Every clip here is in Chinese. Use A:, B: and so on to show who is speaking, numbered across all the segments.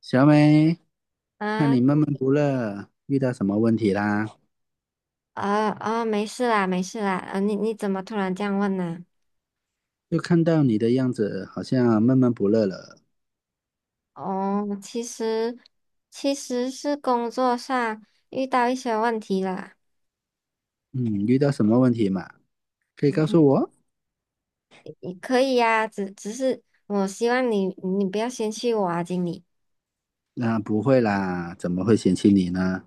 A: 小美，看你
B: 啊
A: 闷闷不乐，遇到什么问题啦？
B: 啊啊！没事啦，没事啦。啊，你怎么突然这样问呢？
A: 就看到你的样子，好像闷闷不乐了。
B: 哦，其实是工作上遇到一些问题啦。
A: 嗯，遇到什么问题嘛？可以告
B: 嗯，
A: 诉我？
B: 你可以呀、只是我希望你不要嫌弃我啊，经理。
A: 那、不会啦，怎么会嫌弃你呢？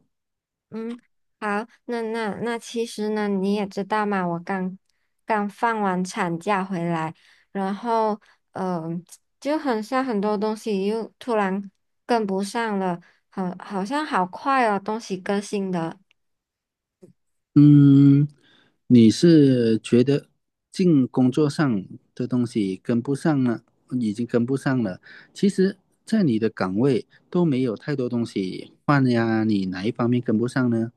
B: 嗯，好，那其实呢，你也知道嘛，我刚刚放完产假回来，然后嗯、呃就很像很多东西又突然跟不上了。好，好像好快哦，东西更新的。
A: 嗯，你是觉得进工作上的东西跟不上呢？已经跟不上了。其实，在你的岗位都没有太多东西换呀，你哪一方面跟不上呢？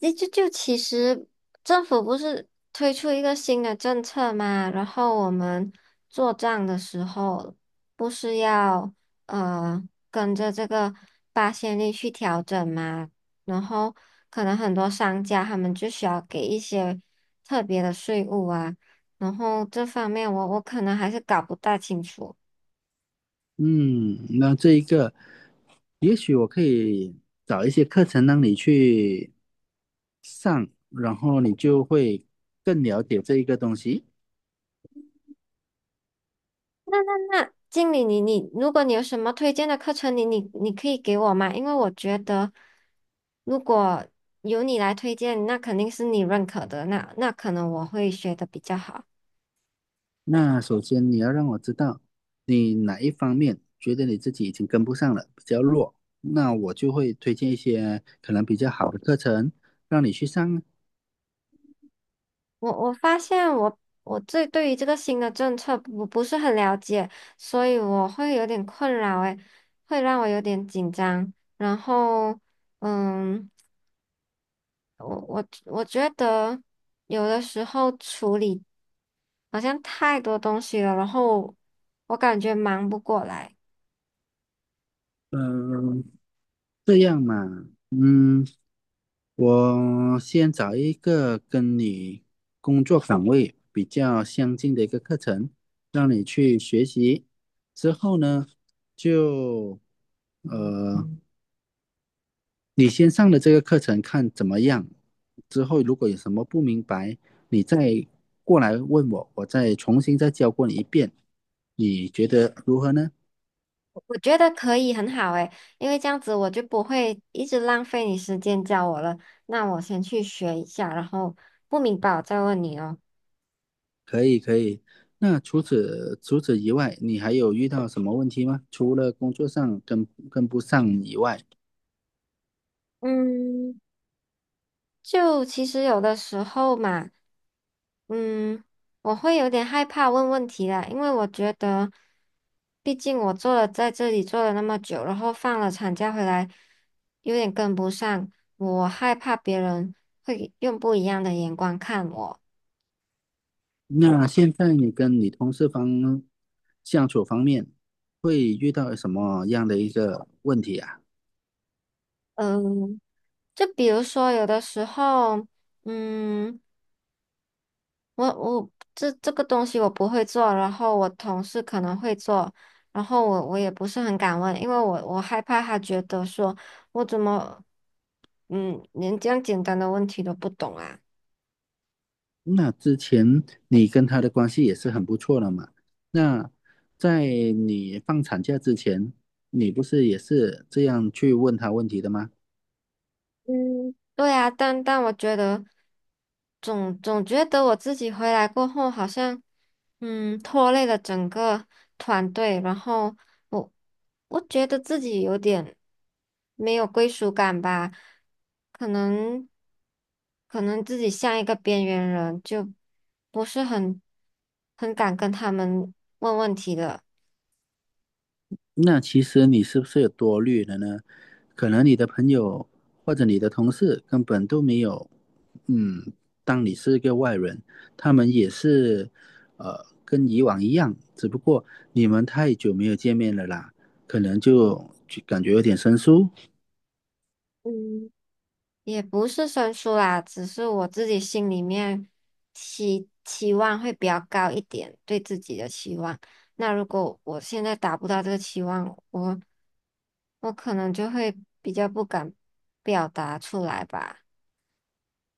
B: 就其实政府不是推出一个新的政策嘛，然后我们做账的时候不是要呃跟着这个八仙率去调整嘛，然后可能很多商家他们就需要给一些特别的税务啊。然后这方面我可能还是搞不大清楚。
A: 嗯，那这一个，也许我可以找一些课程让你去上，然后你就会更了解这一个东西。
B: 那经理你如果你有什么推荐的课程，你可以给我吗？因为我觉得，如果由你来推荐，那肯定是你认可的，那可能我会学的比较好。
A: 那首先你要让我知道你哪一方面觉得你自己已经跟不上了，比较弱，那我就会推荐一些可能比较好的课程让你去上啊。
B: 我发现我这对于这个新的政策不是很了解，所以我会有点困扰，诶，会让我有点紧张。然后，嗯，我觉得有的时候处理，好像太多东西了，然后我感觉忙不过来。
A: 嗯，这样嘛，嗯。我先找一个跟你工作岗位比较相近的一个课程，让你去学习。之后呢，就呃，你先上了这个课程看怎么样。之后如果有什么不明白，你再过来问我，我再重新再教过你一遍。你觉得如何呢？
B: 我觉得可以，很好诶，因为这样子我就不会一直浪费你时间教我了。那我先去学一下，然后不明白我再问你哦。
A: 可以，可以。那除此以外，你还有遇到什么问题吗？除了工作上跟不上以外。
B: 嗯，就其实有的时候嘛，嗯，我会有点害怕问问题啦。因为我觉得，毕竟我做了在这里做了那么久，然后放了产假回来，有点跟不上，我害怕别人会用不一样的眼光看我。
A: 那现在你跟你同事方相处方面会遇到什么样的一个问题啊？
B: 嗯，就比如说有的时候，嗯。我这个东西我不会做，然后我同事可能会做，然后我也不是很敢问，因为我害怕他觉得说我怎么，连这样简单的问题都不懂啊。
A: 那之前你跟他的关系也是很不错的嘛。那在你放产假之前，你不是也是这样去问他问题的吗？
B: 嗯，对啊，但我觉得总觉得我自己回来过后，好像拖累了整个团队。然后我我觉得自己有点没有归属感吧，可能可能自己像一个边缘人，就不是很敢跟他们问问题的。
A: 那其实你是不是有多虑了呢？可能你的朋友或者你的同事根本都没有，嗯，当你是一个外人，他们也是，跟以往一样，只不过你们太久没有见面了啦，可能就感觉有点生疏，
B: 嗯。也不是生疏啦，只是我自己心里面期望会比较高一点，对自己的期望。那如果我现在达不到这个期望，我可能就会比较不敢表达出来吧。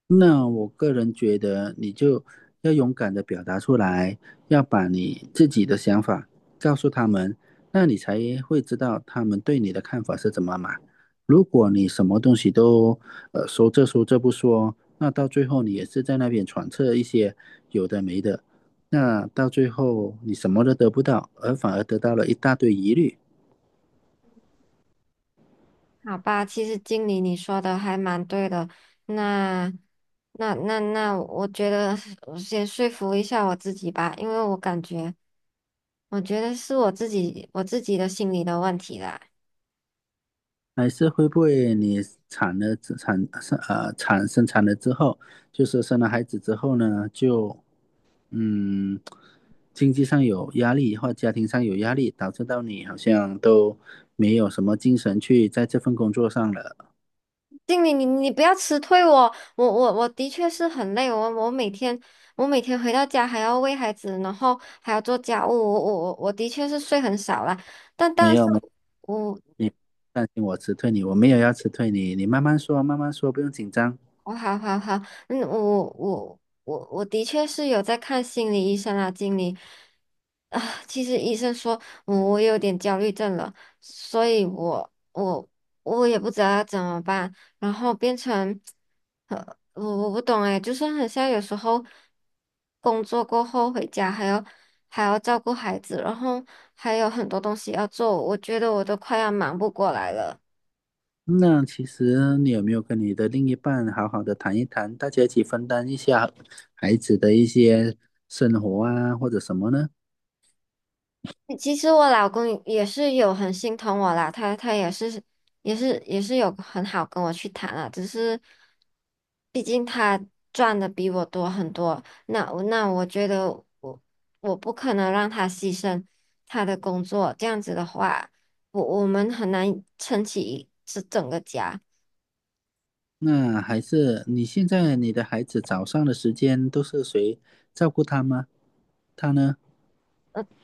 A: 那我个人觉得，你就要勇敢的表达出来，要把你自己的想法告诉他们，那你才会知道他们对你的看法是怎么嘛。如果你什么东西都呃说这说这不说，那到最后你也是在那边揣测一些有的没的，那到最后你什么都得不到，而反而得到了一大堆疑虑。
B: 好吧，其实经理你说的还蛮对的。那那，我觉得我先说服一下我自己吧，因为我感觉，我觉得是我自己的心理的问题啦。
A: 还是会不会你产了之后，就是生了孩子之后呢，就嗯经济上有压力或家庭上有压力，导致到你好像都没有什么精神去在这份工作上了。
B: 经理，你不要辞退我，我的确是很累。我每天回到家还要喂孩子，然后还要做家务，我的确是睡很少啦，但
A: 没
B: 但是
A: 有没有
B: 我
A: 担心我辞退你，我没有要辞退你，你慢慢说，不用紧张。
B: 我好好好，我的确是有在看心理医生啊，经理啊。其实医生说我有点焦虑症了，所以我也不知道要怎么办，然后变成，呃，我不懂哎，就是很像有时候工作过后回家还要照顾孩子，然后还有很多东西要做，我觉得我都快要忙不过来了。
A: 那其实你有没有跟你的另一半好好的谈一谈，大家一起分担一下孩子的一些生活啊，或者什么呢？
B: 其实我老公也是有很心疼我啦，他也是有很好跟我去谈啊。只是毕竟他赚的比我多很多，那我觉得我我不可能让他牺牲他的工作，这样子的话，我们很难撑起这整个家。
A: 那还是你现在你的孩子早上的时间都是谁照顾他吗？他呢？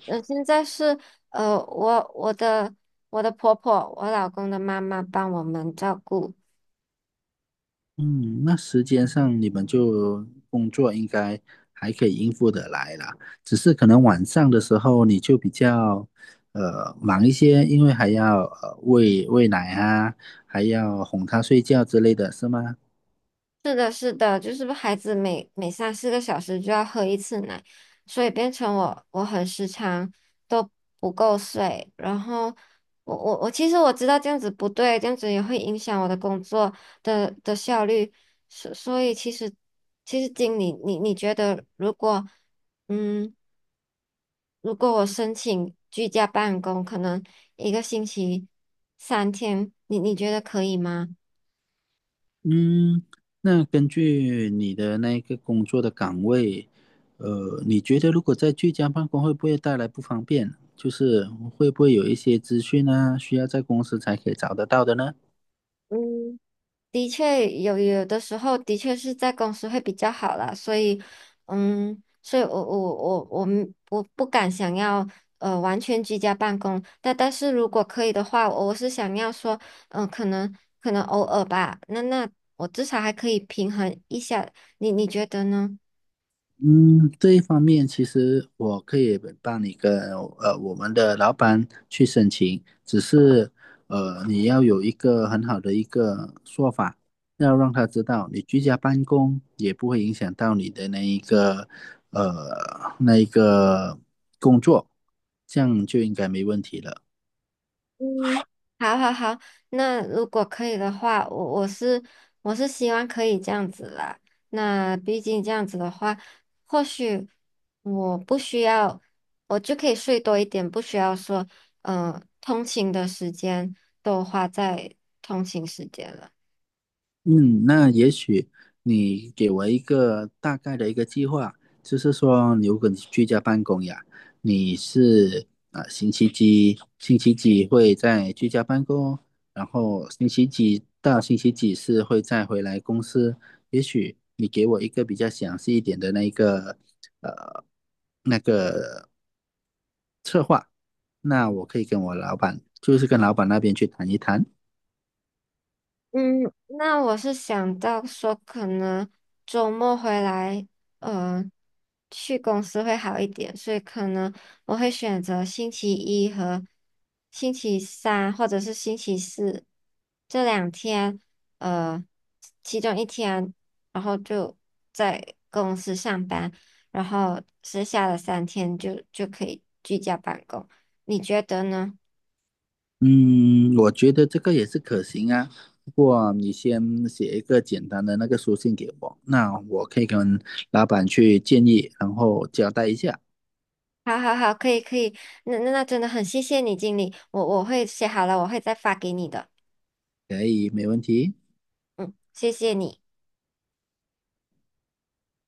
B: 嗯，现在是呃，我我的我的婆婆，我老公的妈妈帮我们照顾。
A: 嗯，那时间上你们就工作应该还可以应付得来啦，只是可能晚上的时候你就比较忙一些，因为还要喂奶啊，还要哄他睡觉之类的是吗？
B: 是的，是的，就是孩子每三四个小时就要喝一次奶，所以变成我很时常都不够睡。然后我其实我知道这样子不对，这样子也会影响我的工作的效率。所以其实经理，你觉得如果嗯，我申请居家办公，可能一个星期三天，你觉得可以吗？
A: 嗯，那根据你的那一个工作的岗位，你觉得如果在居家办公会不会带来不方便？就是会不会有一些资讯啊，需要在公司才可以找得到的呢？
B: 嗯，的确有的时候的确是在公司会比较好啦。所以，所以我不敢想要完全居家办公，但是如果可以的话，我是想要说，嗯、可能可能偶尔吧，那我至少还可以平衡一下，你觉得呢？
A: 嗯，这一方面其实我可以帮你跟我们的老板去申请，只是你要有一个很好的一个说法，要让他知道你居家办公也不会影响到你的那一个那一个工作，这样就应该没问题了。
B: 嗯，好好好，那如果可以的话，我是希望可以这样子啦。那毕竟这样子的话，或许我不需要，我就可以睡多一点，不需要说，嗯、通勤的时间都花在通勤时间了。
A: 嗯，那也许你给我一个大概的一个计划，就是说，如果你居家办公呀，你是啊、星期几会在居家办公，然后星期几到星期几是会再回来公司。也许你给我一个比较详细一点的那一个呃那个，那我可以跟我老板，就是跟老板那边去谈一谈。
B: 嗯，那我是想到说，可能周末回来，呃，去公司会好一点。所以可能我会选择星期一和星期三，或者是星期四这两天，呃，其中一天，然后就在公司上班，然后剩下的三天就可以居家办公，你觉得呢？
A: 嗯，我觉得这个也是可行啊。不过你先写一个简单的那个书信给我，那我可以跟老板去建议，然后交代一下，
B: 好好好，可以可以，那真的很谢谢你，经理，我会写好了，我会再发给你的。
A: 可以，没问题。
B: 嗯，谢谢你。